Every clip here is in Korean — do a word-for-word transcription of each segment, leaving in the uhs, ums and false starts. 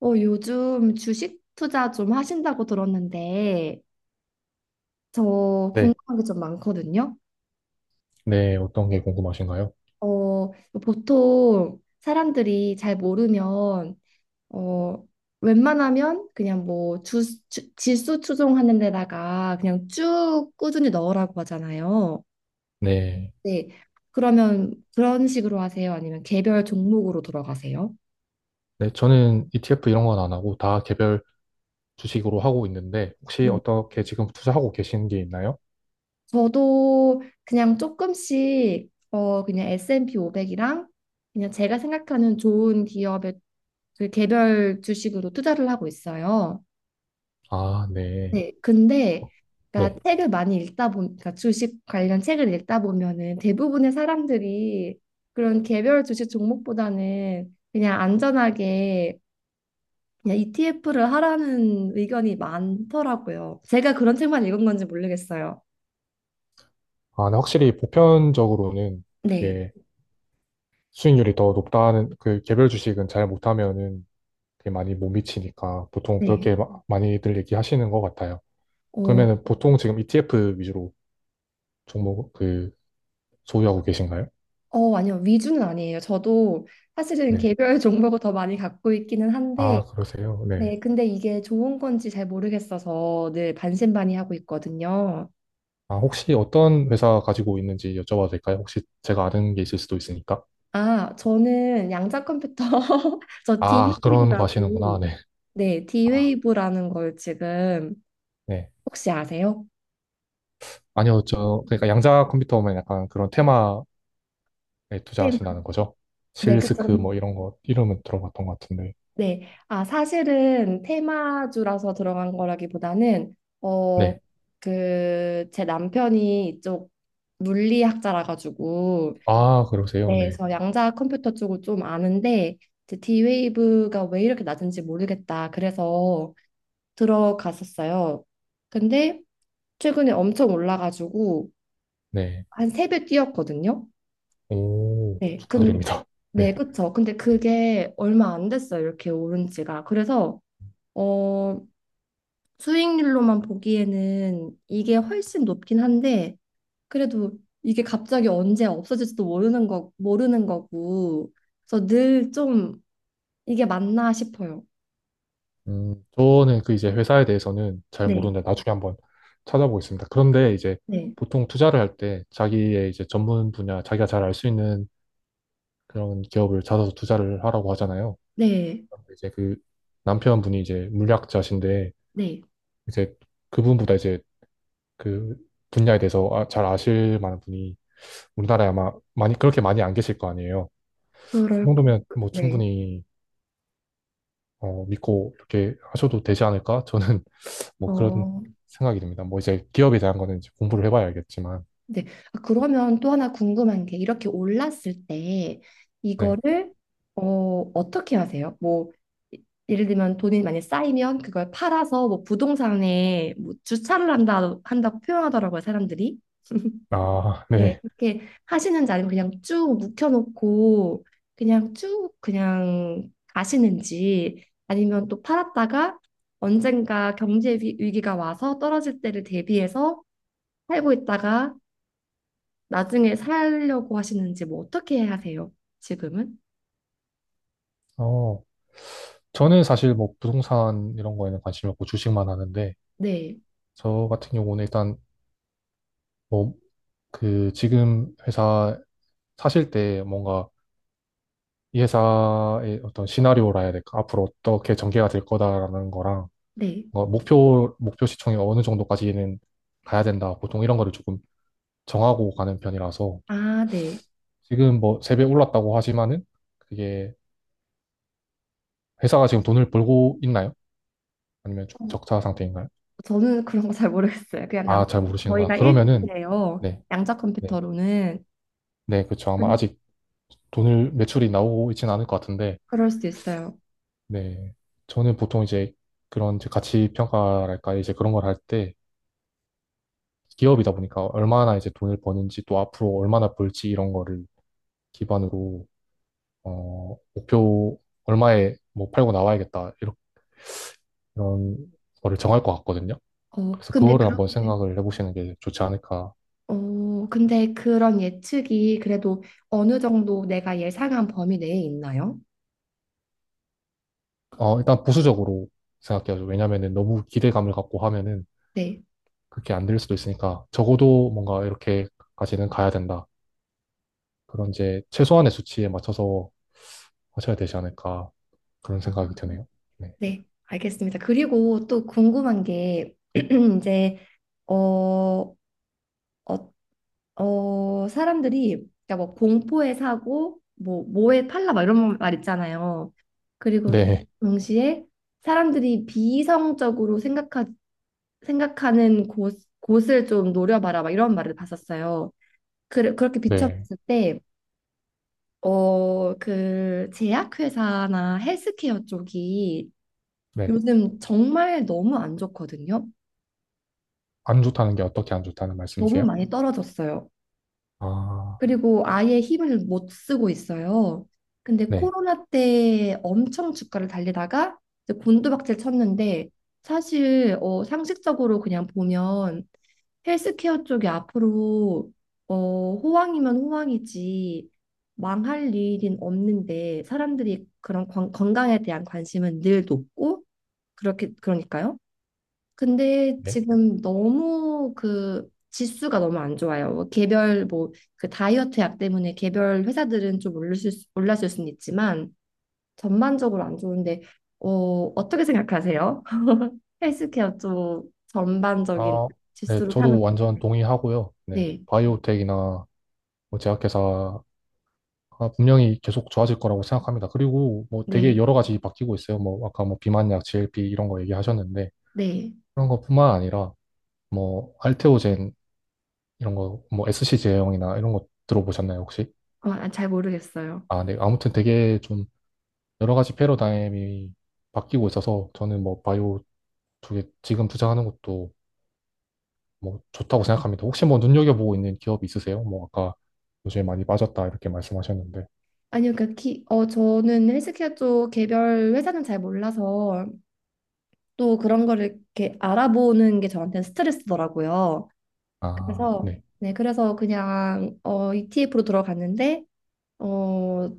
어, 요즘 주식 투자 좀 하신다고 들었는데, 저 네, 궁금한 게 좀 많거든요. 네, 어떤 게 궁금하신가요? 어, 보통 사람들이 잘 모르면, 어, 웬만하면 그냥 뭐 주, 주- 지수 추종하는 데다가 그냥 쭉 꾸준히 넣으라고 하잖아요. 네, 네. 그러면 그런 식으로 하세요? 아니면 개별 종목으로 들어가세요? 네, 저는 이티에프 이런 건 안 하고 다 개별 주식으로 하고 있는데 혹시 어떻게 지금 투자하고 계신 게 있나요? 저도 그냥 조금씩 어 그냥 에스앤피 오백이랑 그냥 제가 생각하는 좋은 기업의 그 개별 주식으로 투자를 하고 있어요. 아, 네, 네, 근데 그러니까 네. 책을 많이 읽다 보니까 주식 관련 책을 읽다 보면은 대부분의 사람들이 그런 개별 주식 종목보다는 그냥 안전하게 그냥 이티에프를 하라는 의견이 많더라고요. 제가 그런 책만 읽은 건지 모르겠어요. 아, 네, 확실히 보편적으로는 네. 그게 수익률이 더 높다는 그 개별 주식은 잘 못하면은 그게 많이 못 미치니까 보통 네. 그렇게 마- 많이들 얘기하시는 것 같아요. 어, 그러면은 보통 지금 이티에프 위주로 종목 그 소유하고 계신가요? 어, 아니요. 위주는 아니에요. 저도 사실은 네. 개별 종목을 더 많이 갖고 있기는 한데, 아, 그러세요? 네. 네, 근데 이게 좋은 건지 잘 모르겠어서 늘 반신반의하고 있거든요. 아, 혹시 어떤 회사 가지고 있는지 여쭤봐도 될까요? 혹시 제가 아는 게 있을 수도 있으니까. 아, 저는 양자 컴퓨터, 저 d 아, 웨이브 그런 라거 하시는구나. 고 네. 네, d 웨 아, 이브라는 걸 지금 네. 혹시 아세요? 아니요, 저, 그러니까 양자 컴퓨터 오면 약간 그런 테마에 테마. 투자하신다는 거죠? 네, 그쵸. 실스크 음, 뭐 이런 거, 이름은 들어봤던 것 같은데. 네, 아, 사실은 테마주라서 들어간 거라기보다는, 어, 네. 그, 제 남편이 이쪽 물리학자라 가지고, 아, 그러세요. 네, 네. 그래서 양자 컴퓨터 쪽을 좀 아는데 이제 D-Wave가 왜 이렇게 낮은지 모르겠다. 그래서 들어갔었어요. 근데 최근에 엄청 올라가지고 네. 한 세 배 뛰었거든요. 오, 네, 근 축하드립니다. 네, 네. 그쵸. 근데 그게 얼마 안 됐어요. 이렇게 오른 지가. 그래서 어, 수익률로만 보기에는 이게 훨씬 높긴 한데, 그래도 이게 갑자기 언제 없어질지도 모르는 거 모르는 거고. 그래서 늘좀 이게 맞나 싶어요. 음, 저는 그 이제 회사에 대해서는 잘 네, 모르는데 나중에 한번 찾아보겠습니다. 그런데 이제 네, 보통 투자를 할 때 자기의 이제 전문 분야, 자기가 잘 알 수 있는 그런 기업을 찾아서 투자를 하라고 하잖아요. 네, 이제 그 남편분이 이제 물리학자신데 네. 이제 그분보다 이제 그 분야에 대해서 아- 잘 아실 만한 분이 우리나라에 아마 많이 그렇게 많이 안 계실 거 아니에요. 그 그럴, 거- 정도면 뭐 네. 충분히 어, 믿고 이렇게 하셔도 되지 않을까? 저는 뭐 그런 어, 생각이 듭니다. 뭐 이제 기업에 대한 거는 이제 공부를 해봐야 알겠지만 네. 아, 그러면 또 하나 궁금한 게 이렇게 올랐을 때 네. 이거를 어, 어떻게 하세요? 뭐 이- 예를 들면 돈이 많이 쌓이면 그걸 팔아서 뭐 부동산에 뭐 주차를 한다 한다고 표현하더라고요, 사람들이. 아, 네, 네. 그렇게 하시는지 아니면 그냥 쭉 묵혀놓고 그냥 쭉 그냥 가시는지, 아니면 또 팔았다가 언젠가 경제 위- 위기가 와서 떨어질 때를 대비해서 살고 있다가 나중에 살려고 하시는지 뭐 어떻게 하세요? 지금은? 어. 저는 사실 뭐 부동산 이런 거에는 관심이 없고 주식만 하는데 네, 저 같은 경우는 일단 뭐, 그, 지금 회사 사실 때 뭔가 이 회사의 어떤 시나리오라 해야 될까? 앞으로 어떻게 전개가 될 거다라는 거랑 네. 뭔가 목표, 목표 시총이 어느 정도까지는 가야 된다. 보통 이런 거를 조금 정하고 가는 편이라서 아, 네. 지금 뭐 세배 올랐다고 하지만은 그게 회사가 지금 돈을 벌고 있나요? 아니면 좀 어, 적자 상태인가요? 저는 그런 거 잘 모르겠어요. 그냥 남, 아, 잘 모르시는구나. 저희가 그러면은 일 등이래요. 네, 양자 네, 컴퓨터로는. 네, 그렇죠. 아마 그- 아직 돈을 매출이 나오고 있지는 않을 것 같은데 그럴 수도 있어요. 네. 저는 보통 이제 그런 이제 가치 평가랄까 이제 그런 걸 할 때 기업이다 보니까 얼마나 이제 돈을 버는지 또 앞으로 얼마나 벌지 이런 거를 기반으로 어 목표 얼마에 뭐 팔고 나와야겠다 이런 이런 거를 정할 것 같거든요. 어, 그래서 근데 그거를 한번 그렇게 생각을 해보시는 게 좋지 않을까. 어, 근데 그런 예측이 그래도 어느 정도 내가 예상한 범위 내에 있나요? 어 일단 보수적으로 생각해야죠. 왜냐면은 너무 기대감을 갖고 하면은 네, 그렇게 안 될 수도 있으니까 적어도 뭔가 이렇게까지는 가야 된다. 그런 이제 최소한의 수치에 맞춰서 하셔야 되지 않을까 그런 생각이 드네요. 네. 네, 알겠습니다. 그리고 또 궁금한 게 이제 어, 어, 어 사람들이 그러니까 뭐 공포의 사고, 뭐 뭐의 팔라, 막 이런 말 있잖아요. 그리고 네. 동시에 사람들이 비이성적으로 생각하 생각하는 곳 곳을 좀 노려봐라, 막 이런 말을 봤었어요. 그, 그렇게 네. 비춰봤을 때 어, 그 제약회사나 헬스케어 쪽이 네. 요즘 정말 너무 안 좋거든요. 안 좋다는 게 어떻게 안 좋다는 너무 말씀이세요? 많이 떨어졌어요. 아, 그리고 아예 힘을 못 쓰고 있어요. 근데 네. 코로나 때 엄청 주가를 달리다가 이제 곤두박질 쳤는데 사실 어, 상식적으로 그냥 보면 헬스케어 쪽이 앞으로 어, 호황이면 호황이지 망할 일은 없는데, 사람들이 그런 건- 건강에 대한 관심은 늘 높고 그렇게 그러니까요. 근데 네. 지금 너무 그 지수가 너무 안 좋아요. 뭐 개별 뭐 그 다이어트 약 때문에 개별 회사들은 좀 올랐을 수, 올랐을 수는 있지만, 전반적으로 안 좋은데, 어, 어떻게 생각하세요? 헬스케어 쪽 전반적인 아, 네. 지수로 저도 사는. 완전 동의하고요. 네. 네. 바이오텍이나 뭐 제약회사 아, 분명히 계속 좋아질 거라고 생각합니다. 그리고 뭐 되게 네, 여러 가지 바뀌고 있어요. 뭐 아까 뭐 비만약, 지엘피 이런 거 얘기하셨는데 네. 그런 것뿐만 아니라 뭐 알테오젠 이런 거 뭐 에스씨 제형이나 이런 거 들어보셨나요, 혹시? 어, 아, 잘 모르겠어요. 아, 네. 아무튼 되게 좀 여러 가지 패러다임이 바뀌고 있어서 저는 뭐 바이오 쪽에 지금 투자하는 것도 뭐 좋다고 생각합니다. 혹시 뭐 눈여겨보고 있는 기업이 있으세요? 뭐 아까 요즘에 많이 빠졌다 이렇게 말씀하셨는데. 아니요, 그러니까 기, 어, 저는 헬스케어 쪽 개별 회사는 잘 몰라서 또 그런 거를 이렇게 알아보는 게 저한테는 스트레스더라고요. 아, 그래서 네. 네, 그래서 그냥 어, 이티에프로 들어갔는데, 어,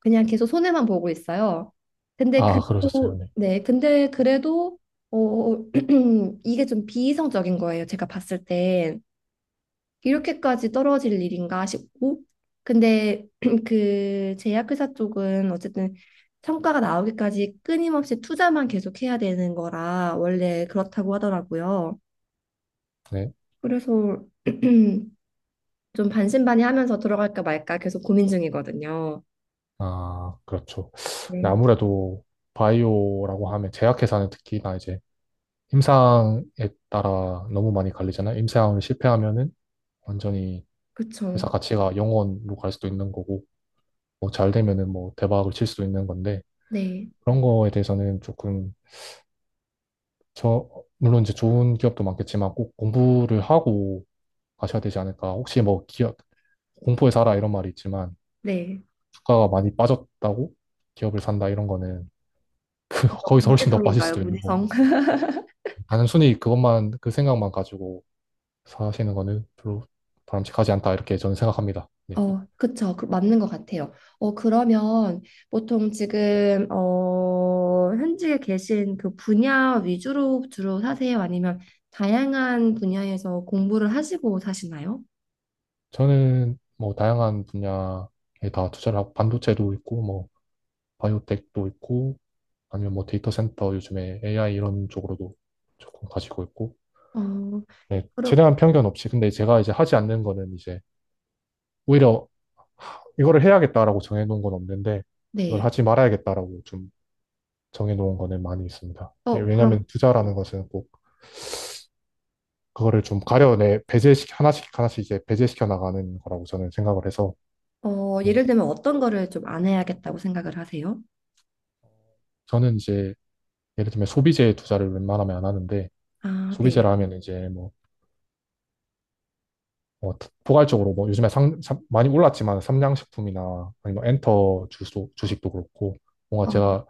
그냥 계속 손해만 보고 있어요. 근데 아, 그러셨어요. 그래도 네. 네, 근데 그래도 어, 이게 좀 비이성적인 거예요. 제가 봤을 땐. 이렇게까지 떨어질 일인가 싶고, 근데 그 제약회사 쪽은 어쨌든 성과가 나오기까지 끊임없이 투자만 계속해야 되는 거라 원래 그렇다고 하더라고요. 네. 그래서 좀 반신반의하면서 들어갈까 말까 계속 고민 중이거든요. 아, 그렇죠. 네, 네, 아무래도 바이오라고 하면 제약회사는 특히나 이제 임상에 따라 너무 많이 갈리잖아요. 임상을 실패하면은 완전히 회사 그쵸. 가치가 영원으로 갈 수도 있는 거고, 뭐 잘 되면은 뭐 대박을 칠 수도 있는 건데, 네, 그런 거에 대해서는 조금 저 물론 이제 좋은 기업도 많겠지만 꼭 공부를 하고 가셔야 되지 않을까. 혹시 뭐 기업 공포에 살아 이런 말이 있지만 네. 주가가 많이 빠졌다고 기업을 산다 이런 거는 거기서 훨씬 더 빠질 무지성인가요, 수도 있는 거고 무지성? 단순히 그것만 그 생각만 가지고 사시는 거는 별로 바람직하지 않다 이렇게 저는 생각합니다. 네. 어, 그쵸. 그, 맞는 것 같아요. 어, 그러면 보통 지금, 어, 현직에 계신 그 분야 위주로 주로 사세요? 아니면 다양한 분야에서 공부를 하시고 사시나요? 저는 뭐 다양한 분야에 다 투자를 하고 반도체도 있고 뭐 바이오텍도 있고, 아니면 뭐 데이터 센터 요즘에 에이아이 이런 쪽으로도 조금 가지고 있고, 어, 네, 그럼, 최대한 편견 없이. 근데 제가 이제 하지 않는 거는 이제 오히려 이거를 해야겠다라고 정해놓은 건 없는데, 이걸 네. 하지 말아야겠다라고 좀 정해놓은 거는 많이 있습니다. 예, 어, 그럼, 왜냐하면 투자라는 것은 꼭 그거를 좀 가려내 배제시 하나씩 하나씩 이제 배제시켜 나가는 거라고 저는 생각을 해서 어, 뭐 예를 들면 어떤 거를 좀 안 해야겠다고 생각을 하세요? 저는 이제 예를 들면 소비재에 투자를 웬만하면 안 하는데 아, 네. 소비재라 하면 이제 뭐 어, 포괄적으로 뭐 요즘에 상, 참 많이 올랐지만 삼양식품이나 아니면 뭐 엔터 주소, 주식도 그렇고 뭔가 어, 제가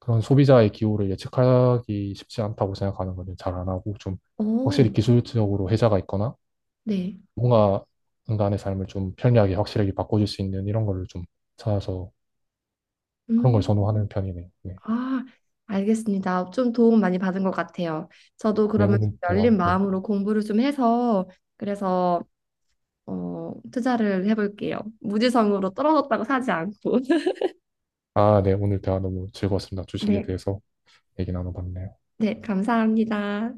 그런 소비자의 기호를 예측하기 쉽지 않다고 생각하는 거는 잘 안 하고 좀 확실히 어, 기술적으로 혜자가 있거나 네. 뭔가 인간의 삶을 좀 편리하게 확실하게 바꿔줄 수 있는 이런 거를 좀 찾아서 그런 걸 음. 선호하는 편이네요. 네. 아, 알겠습니다. 좀 도움 많이 받은 것 같아요. 저도 네, 그러면 좀 오늘 대화, 열린 네. 마음으로 공부를 좀 해서 그래서 어, 투자를 해볼게요. 무지성으로 떨어졌다고 사지 않고. 아, 네, 오늘 대화 너무 즐거웠습니다. 주식에 네, 대해서 얘기 나눠봤네요. 네, 감사합니다.